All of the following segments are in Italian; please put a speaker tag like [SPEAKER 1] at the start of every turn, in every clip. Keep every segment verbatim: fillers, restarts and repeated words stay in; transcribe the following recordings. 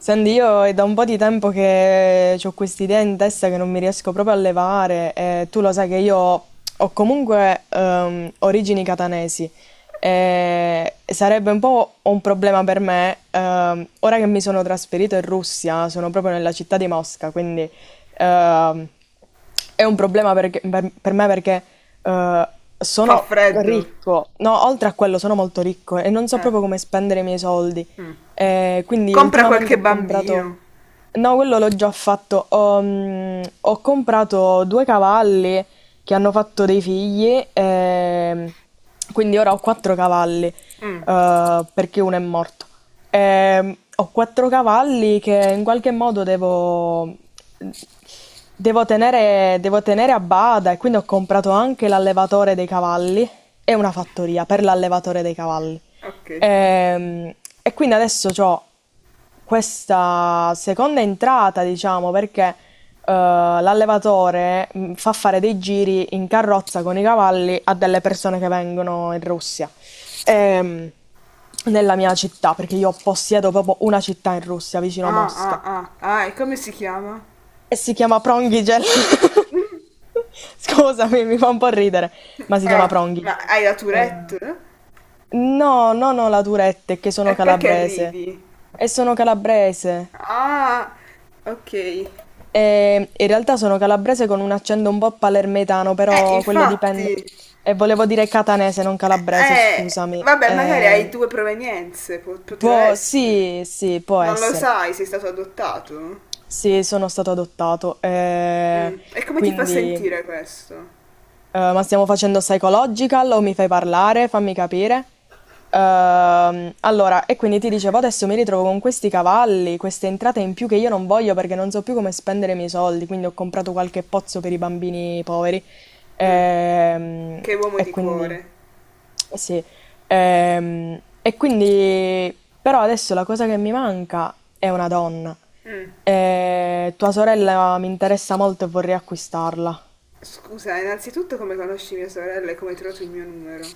[SPEAKER 1] Senti, io è da un po' di tempo che ho quest'idea in testa che non mi riesco proprio a levare e tu lo sai che io ho comunque ehm, origini catanesi e sarebbe un po' un problema per me ehm, ora che mi sono trasferito in Russia, sono proprio nella città di Mosca. Quindi ehm, è un problema perché- per, per me perché eh,
[SPEAKER 2] Fa
[SPEAKER 1] sono
[SPEAKER 2] freddo.
[SPEAKER 1] ricco, no, oltre a quello sono molto ricco e non so
[SPEAKER 2] Eh.
[SPEAKER 1] proprio come spendere i miei soldi. Eh, quindi
[SPEAKER 2] Compra
[SPEAKER 1] ultimamente
[SPEAKER 2] qualche
[SPEAKER 1] ho comprato...
[SPEAKER 2] bambino.
[SPEAKER 1] No, quello l'ho già fatto. Ho, mm, ho comprato due cavalli che hanno fatto dei figli. Ehm, quindi ora ho quattro cavalli,
[SPEAKER 2] Mm,
[SPEAKER 1] eh, perché uno è morto. Ehm, ho quattro cavalli che in qualche modo devo, devo tenere, devo tenere a bada, e quindi ho comprato anche l'allevatore dei cavalli e una fattoria per l'allevatore dei cavalli.
[SPEAKER 2] ok.
[SPEAKER 1] Ehm, e quindi adesso ho questa seconda entrata, diciamo, perché eh, l'allevatore mh, fa fare dei giri in carrozza con i cavalli a delle persone che vengono in Russia. Ehm, Nella mia città, perché io possiedo proprio una città in Russia, vicino a
[SPEAKER 2] Ah,
[SPEAKER 1] Mosca,
[SPEAKER 2] ah, ah. Ah, e come si chiama?
[SPEAKER 1] e si chiama Prongigel. Scusami, mi fa un po' ridere, ma si chiama
[SPEAKER 2] Ah, ma
[SPEAKER 1] Prongigel.
[SPEAKER 2] hai la
[SPEAKER 1] Eh,
[SPEAKER 2] Tourette?
[SPEAKER 1] No, non ho la Tourette, è che sono
[SPEAKER 2] E perché
[SPEAKER 1] calabrese.
[SPEAKER 2] ridi?
[SPEAKER 1] E sono calabrese.
[SPEAKER 2] Ah, ok. Eh,
[SPEAKER 1] E in realtà sono calabrese con un accento un po' palermitano, però quello dipende.
[SPEAKER 2] infatti.
[SPEAKER 1] E volevo dire catanese, non calabrese,
[SPEAKER 2] Eh,
[SPEAKER 1] scusami.
[SPEAKER 2] vabbè, magari hai
[SPEAKER 1] Ehm,
[SPEAKER 2] due provenienze. Po- poteva
[SPEAKER 1] può,
[SPEAKER 2] essere.
[SPEAKER 1] sì, sì, può
[SPEAKER 2] Non lo
[SPEAKER 1] essere.
[SPEAKER 2] sai, sei stato adottato?
[SPEAKER 1] Sì, sono stato adottato. eh,
[SPEAKER 2] Mm. E come ti fa
[SPEAKER 1] quindi
[SPEAKER 2] sentire questo?
[SPEAKER 1] Eh, ma stiamo facendo psychological o mi fai parlare? Fammi capire. Ehm, allora, e quindi ti dicevo, adesso mi ritrovo con questi cavalli, queste entrate in più che io non voglio perché non so più come spendere i miei soldi, quindi ho comprato qualche pozzo per i bambini poveri. Ehm,
[SPEAKER 2] Che uomo
[SPEAKER 1] e
[SPEAKER 2] di
[SPEAKER 1] quindi...
[SPEAKER 2] cuore.
[SPEAKER 1] Sì, ehm, e quindi però adesso la cosa che mi manca è una donna.
[SPEAKER 2] Mm.
[SPEAKER 1] E tua sorella mi interessa molto e vorrei acquistarla.
[SPEAKER 2] Scusa, innanzitutto come conosci mia sorella e come hai trovato il mio numero?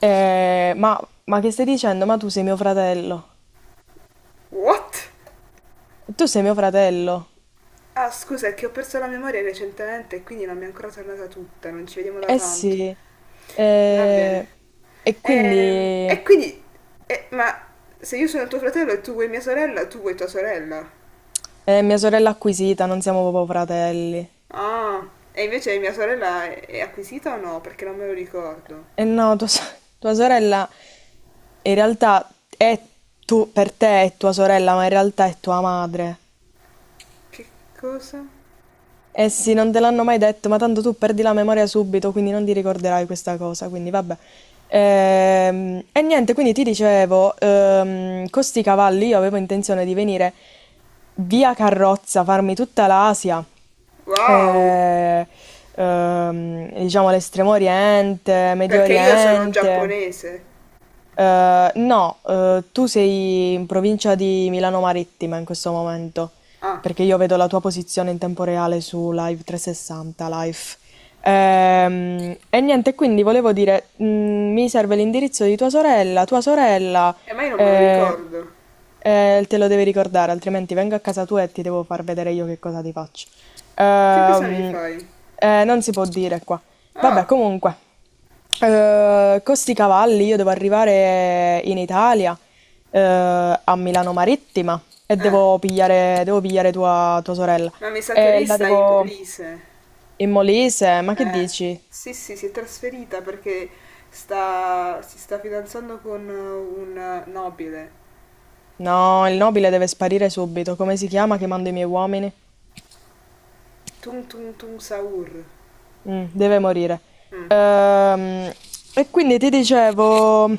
[SPEAKER 1] Eh, ma, ma che stai dicendo? Ma tu sei mio fratello.
[SPEAKER 2] What?
[SPEAKER 1] Tu sei mio fratello.
[SPEAKER 2] Ah, scusa, è che ho perso la memoria recentemente e quindi non mi è ancora tornata tutta, non ci vediamo da
[SPEAKER 1] Eh
[SPEAKER 2] tanto.
[SPEAKER 1] sì.
[SPEAKER 2] Va bene.
[SPEAKER 1] Eh, e
[SPEAKER 2] Ehm,
[SPEAKER 1] quindi
[SPEAKER 2] E, quindi... e- Ma se io sono tuo fratello e tu vuoi mia sorella, tu vuoi tua sorella?
[SPEAKER 1] è mia sorella acquisita, non siamo proprio fratelli.
[SPEAKER 2] Ah, e invece mia sorella è, è acquisita o no? Perché non me lo ricordo.
[SPEAKER 1] E no, tua, so- tua sorella in realtà è tu, per te è tua sorella, ma in realtà è tua madre.
[SPEAKER 2] Che cosa?
[SPEAKER 1] Eh sì, non te l'hanno mai detto, ma tanto tu perdi la memoria subito, quindi non ti ricorderai questa cosa, quindi vabbè. Ehm, e niente, quindi ti dicevo, ehm, con sti cavalli io avevo intenzione di venire via carrozza, farmi tutta l'Asia,
[SPEAKER 2] Wow!
[SPEAKER 1] eh, ehm, diciamo l'Estremo Oriente, Medio
[SPEAKER 2] Perché io sono
[SPEAKER 1] Oriente.
[SPEAKER 2] giapponese.
[SPEAKER 1] Eh, no, eh, tu sei in provincia di Milano Marittima in questo momento,
[SPEAKER 2] Ah,
[SPEAKER 1] perché io vedo la tua posizione in tempo reale su Live trecentosessanta Life. Ehm, e niente, quindi volevo dire, mh, mi serve l'indirizzo di tua sorella, tua sorella,
[SPEAKER 2] e mai non me lo
[SPEAKER 1] eh,
[SPEAKER 2] ricordo.
[SPEAKER 1] eh, Te lo devi ricordare, altrimenti vengo a casa tua e ti devo far vedere io che cosa ti faccio.
[SPEAKER 2] Che cosa mi
[SPEAKER 1] Ehm,
[SPEAKER 2] fai?
[SPEAKER 1] eh, Non si può dire qua. Vabbè,
[SPEAKER 2] Oh,
[SPEAKER 1] comunque. Ehm, costi cavalli, io devo arrivare in Italia, eh, a Milano Marittima, e
[SPEAKER 2] eh,
[SPEAKER 1] devo pigliare, devo pigliare tua, tua sorella.
[SPEAKER 2] ma mi sa che
[SPEAKER 1] E
[SPEAKER 2] lei
[SPEAKER 1] la
[SPEAKER 2] sta in
[SPEAKER 1] devo...
[SPEAKER 2] Molise.
[SPEAKER 1] In Molise, ma che
[SPEAKER 2] Eh,
[SPEAKER 1] dici?
[SPEAKER 2] sì, sì, si è trasferita perché sta, si sta fidanzando con un nobile.
[SPEAKER 1] No, il nobile deve sparire subito. Come si chiama
[SPEAKER 2] Eh,
[SPEAKER 1] che mando i miei uomini?
[SPEAKER 2] Tung Tung Tung Saur.
[SPEAKER 1] Mh, deve morire.
[SPEAKER 2] Mm.
[SPEAKER 1] Ehm, e quindi ti dicevo,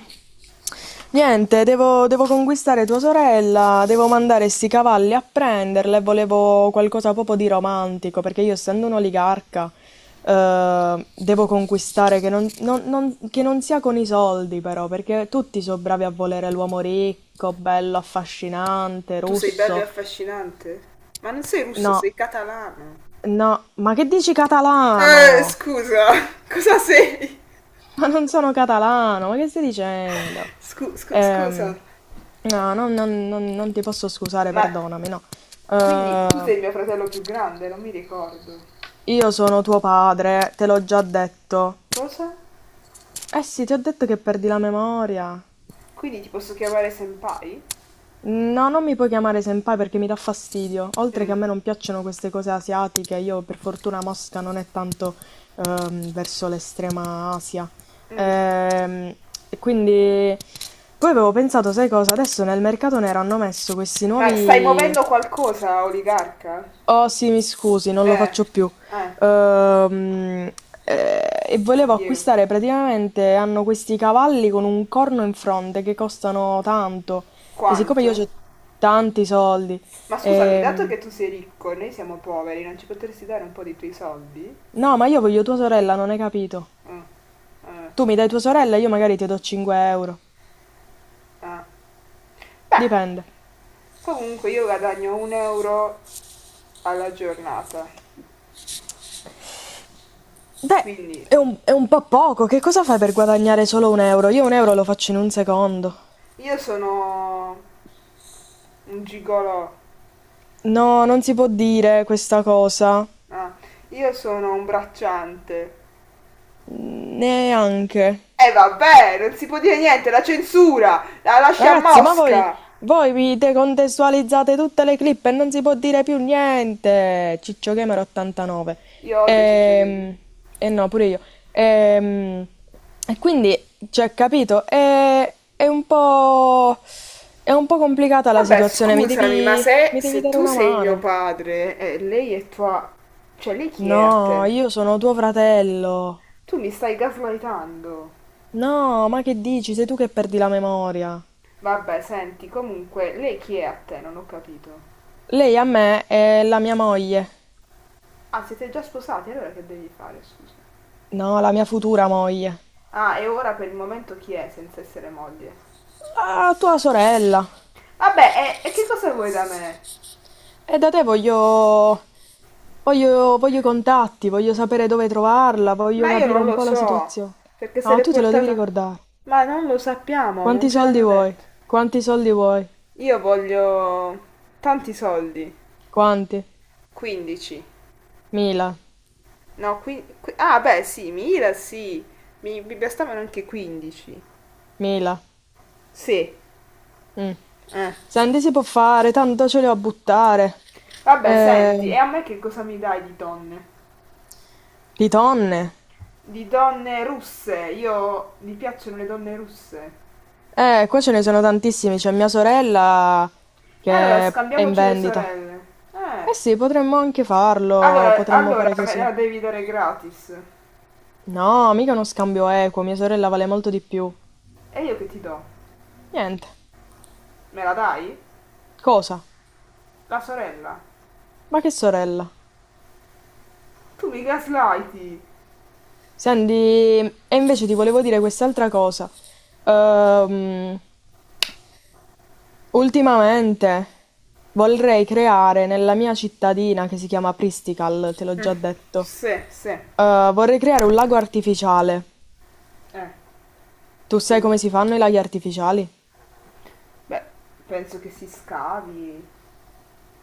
[SPEAKER 1] niente, devo, devo conquistare tua sorella, devo mandare sti cavalli a prenderla, e volevo qualcosa proprio di romantico, perché io, essendo un oligarca, eh, devo conquistare che non, non- non- che non sia con i soldi, però, perché tutti sono bravi a volere l'uomo ricco, bello, affascinante,
[SPEAKER 2] Tu sei bello e
[SPEAKER 1] russo.
[SPEAKER 2] affascinante? Ma non sei russo,
[SPEAKER 1] No,
[SPEAKER 2] sei catalano.
[SPEAKER 1] no, ma che dici
[SPEAKER 2] Eh,
[SPEAKER 1] catalano?
[SPEAKER 2] scusa, cosa sei?
[SPEAKER 1] Ma non sono catalano, ma che stai dicendo?
[SPEAKER 2] Scu- scu-
[SPEAKER 1] Ehm,
[SPEAKER 2] scusa.
[SPEAKER 1] no, non, non- non- non ti posso scusare,
[SPEAKER 2] Ma
[SPEAKER 1] perdonami, no.
[SPEAKER 2] quindi tu
[SPEAKER 1] Ehm,
[SPEAKER 2] sei mio fratello più grande, non mi ricordo.
[SPEAKER 1] io sono tuo padre, te l'ho già detto.
[SPEAKER 2] Cosa?
[SPEAKER 1] Eh sì, ti ho detto che perdi la memoria.
[SPEAKER 2] Quindi ti posso chiamare senpai?
[SPEAKER 1] No, non mi puoi chiamare senpai perché mi dà fastidio. Oltre che
[SPEAKER 2] Mm.
[SPEAKER 1] a me non piacciono queste cose asiatiche, io per fortuna Mosca non è tanto ehm, verso l'estrema Asia.
[SPEAKER 2] Mm.
[SPEAKER 1] Ehm, e quindi poi avevo pensato, sai cosa? Adesso nel mercato nero hanno messo questi
[SPEAKER 2] Ma stai
[SPEAKER 1] nuovi.
[SPEAKER 2] muovendo qualcosa, oligarca?
[SPEAKER 1] Oh sì, mi scusi, non lo
[SPEAKER 2] Eh,
[SPEAKER 1] faccio più.
[SPEAKER 2] eh,
[SPEAKER 1] Ehm, eh, e
[SPEAKER 2] che
[SPEAKER 1] volevo
[SPEAKER 2] ghio.
[SPEAKER 1] acquistare praticamente, hanno questi cavalli con un corno in fronte che costano tanto. E siccome io
[SPEAKER 2] Quanto?
[SPEAKER 1] ho tanti soldi,
[SPEAKER 2] Ma scusami, dato
[SPEAKER 1] ehm,
[SPEAKER 2] che tu sei ricco e noi siamo poveri, non ci potresti dare un po' dei tuoi soldi?
[SPEAKER 1] no, ma io voglio tua sorella, non hai capito.
[SPEAKER 2] Mm, eh,
[SPEAKER 1] Tu mi dai tua sorella, io magari ti do cinque euro.
[SPEAKER 2] ah. Beh,
[SPEAKER 1] Dipende.
[SPEAKER 2] comunque io guadagno un euro alla giornata.
[SPEAKER 1] Beh,
[SPEAKER 2] Quindi,
[SPEAKER 1] è un, è un, po' poco. Che cosa fai per guadagnare solo un euro? Io un euro lo faccio in un secondo.
[SPEAKER 2] io sono un gigolò.
[SPEAKER 1] No, non si può dire questa cosa.
[SPEAKER 2] Ah, io sono un bracciante.
[SPEAKER 1] Neanche.
[SPEAKER 2] E eh, vabbè, non si può dire niente, la censura! La lascia a
[SPEAKER 1] Ragazzi, ma voi,
[SPEAKER 2] Mosca!
[SPEAKER 1] voi vi decontestualizzate tutte le clip e non si può dire più niente. Ciccio Gamer ottantanove.
[SPEAKER 2] Io odio Ciccio Gaming.
[SPEAKER 1] Ehm, E, no, pure io. Ehm, E, quindi, cioè, capito, è, è un po', è un po' complicata la
[SPEAKER 2] Vabbè,
[SPEAKER 1] situazione. Mi
[SPEAKER 2] scusami, ma
[SPEAKER 1] devi,
[SPEAKER 2] se,
[SPEAKER 1] mi devi
[SPEAKER 2] se
[SPEAKER 1] dare
[SPEAKER 2] tu
[SPEAKER 1] una
[SPEAKER 2] sei mio
[SPEAKER 1] mano.
[SPEAKER 2] padre e lei è tua... Cioè, lei chi è a
[SPEAKER 1] No,
[SPEAKER 2] te?
[SPEAKER 1] io sono tuo fratello.
[SPEAKER 2] Tu mi stai gaslightando.
[SPEAKER 1] No, ma che dici? Sei tu che perdi la memoria.
[SPEAKER 2] Vabbè, senti, comunque, lei chi è a te? Non ho capito.
[SPEAKER 1] Lei a me è la mia moglie.
[SPEAKER 2] Ah, siete già sposati, allora che devi fare, scusa?
[SPEAKER 1] No, la mia futura moglie.
[SPEAKER 2] Ah, e ora per il momento chi è senza essere moglie?
[SPEAKER 1] Ah, tua sorella.
[SPEAKER 2] Vabbè, e, e che cosa vuoi da me?
[SPEAKER 1] E da te voglio... Voglio, voglio i contatti, voglio sapere dove trovarla, voglio
[SPEAKER 2] Ma io
[SPEAKER 1] capire
[SPEAKER 2] non
[SPEAKER 1] un
[SPEAKER 2] lo
[SPEAKER 1] po' la
[SPEAKER 2] so,
[SPEAKER 1] situazione.
[SPEAKER 2] perché se
[SPEAKER 1] No,
[SPEAKER 2] l'è
[SPEAKER 1] tu te lo devi
[SPEAKER 2] portata...
[SPEAKER 1] ricordare.
[SPEAKER 2] Ma non lo sappiamo, non
[SPEAKER 1] Quanti
[SPEAKER 2] ce
[SPEAKER 1] soldi
[SPEAKER 2] l'hanno
[SPEAKER 1] vuoi?
[SPEAKER 2] detto.
[SPEAKER 1] Quanti soldi vuoi?
[SPEAKER 2] Io voglio tanti soldi.
[SPEAKER 1] Quanti?
[SPEAKER 2] quindici.
[SPEAKER 1] Mila,
[SPEAKER 2] No, qui, qui- Ah, beh, sì, Mira, sì. Mi, mi bastavano anche quindici.
[SPEAKER 1] mila.
[SPEAKER 2] Sì.
[SPEAKER 1] Mm.
[SPEAKER 2] Eh.
[SPEAKER 1] Senti, si può fare, tanto ce li ho a buttare.
[SPEAKER 2] Vabbè, senti, e
[SPEAKER 1] Eh,
[SPEAKER 2] a me che cosa mi dai di donne?
[SPEAKER 1] di tonne.
[SPEAKER 2] Di donne russe. Io... Mi piacciono le donne russe.
[SPEAKER 1] Eh, qua ce ne sono tantissimi. C'è mia sorella
[SPEAKER 2] E allora,
[SPEAKER 1] che è in
[SPEAKER 2] scambiamoci le
[SPEAKER 1] vendita.
[SPEAKER 2] sorelle. Eh.
[SPEAKER 1] Eh sì, potremmo anche farlo,
[SPEAKER 2] Allora,
[SPEAKER 1] potremmo
[SPEAKER 2] allora
[SPEAKER 1] fare
[SPEAKER 2] me
[SPEAKER 1] così.
[SPEAKER 2] la devi dare gratis.
[SPEAKER 1] No, mica uno scambio equo, mia sorella vale molto di più.
[SPEAKER 2] E io che ti do?
[SPEAKER 1] Niente.
[SPEAKER 2] Me la dai?
[SPEAKER 1] Cosa?
[SPEAKER 2] La sorella.
[SPEAKER 1] Ma che sorella?
[SPEAKER 2] Tu mi gaslighti.
[SPEAKER 1] Senti, e invece ti volevo dire quest'altra cosa. Ehm, Ultimamente vorrei creare nella mia cittadina, che si chiama Pristical, te l'ho già detto.
[SPEAKER 2] Sì, sì.
[SPEAKER 1] Eh, vorrei creare un lago artificiale.
[SPEAKER 2] Eh,
[SPEAKER 1] Tu sai
[SPEAKER 2] quindi?
[SPEAKER 1] come si fanno i laghi artificiali?
[SPEAKER 2] Beh, penso che si scavi.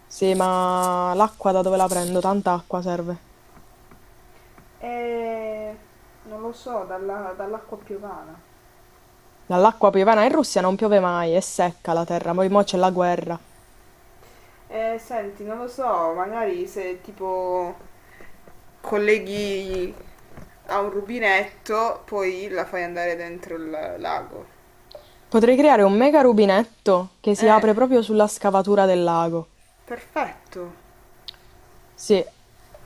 [SPEAKER 1] Sì, ma l'acqua da dove la prendo? Tanta acqua serve.
[SPEAKER 2] Eh, non lo so, dalla- dall'acqua piovana.
[SPEAKER 1] Dall'acqua piovana? In Russia non piove mai, è secca la terra, poi mo c'è la guerra.
[SPEAKER 2] Eh, senti, non lo so, magari se tipo colleghi a un rubinetto, poi la fai andare dentro il lago.
[SPEAKER 1] Potrei creare un mega rubinetto che si
[SPEAKER 2] Eh,
[SPEAKER 1] apre proprio sulla scavatura del lago.
[SPEAKER 2] perfetto.
[SPEAKER 1] Sì.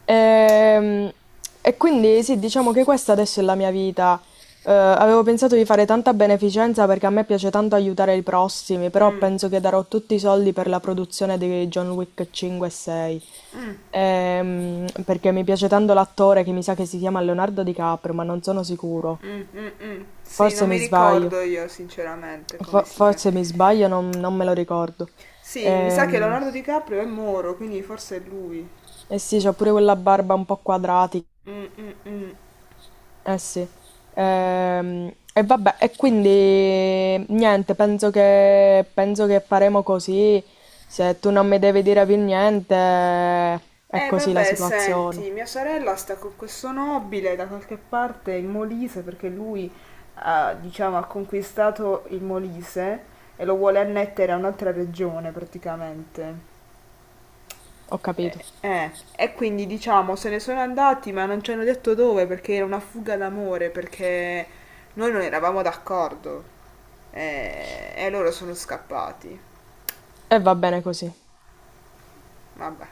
[SPEAKER 1] Ehm, E quindi sì, diciamo che questa adesso è la mia vita. Eh, avevo pensato di fare tanta beneficenza perché a me piace tanto aiutare i prossimi, però
[SPEAKER 2] Mm,
[SPEAKER 1] penso che darò tutti i soldi per la produzione di John Wick cinque e sei. Ehm, perché mi piace tanto l'attore, che mi sa che si chiama Leonardo DiCaprio, ma non sono sicuro.
[SPEAKER 2] mm, mm, mm. Sì, non
[SPEAKER 1] Forse
[SPEAKER 2] mi
[SPEAKER 1] mi sbaglio,
[SPEAKER 2] ricordo io sinceramente come
[SPEAKER 1] fo-
[SPEAKER 2] si chiama.
[SPEAKER 1] forse mi sbaglio, non, non me lo ricordo.
[SPEAKER 2] Sì, mi sa che
[SPEAKER 1] Ehm,
[SPEAKER 2] Leonardo DiCaprio è Moro, quindi forse è lui.
[SPEAKER 1] eh sì, c'ha pure quella barba un po' quadratica.
[SPEAKER 2] Mm, mm, mm.
[SPEAKER 1] Eh sì. Ehm, e vabbè, e quindi niente, penso che, penso che faremo così. Se tu non mi devi dire più niente, è
[SPEAKER 2] Eh
[SPEAKER 1] così la
[SPEAKER 2] vabbè,
[SPEAKER 1] situazione.
[SPEAKER 2] senti, mia sorella sta con questo nobile da qualche parte in Molise perché lui ha, diciamo, ha conquistato il Molise e lo vuole annettere a un'altra regione praticamente.
[SPEAKER 1] Ho capito.
[SPEAKER 2] Eh, eh, E quindi diciamo se ne sono andati ma non ci hanno detto dove perché era una fuga d'amore perché noi non eravamo d'accordo. Eh, e loro sono scappati.
[SPEAKER 1] E va bene così.
[SPEAKER 2] Vabbè.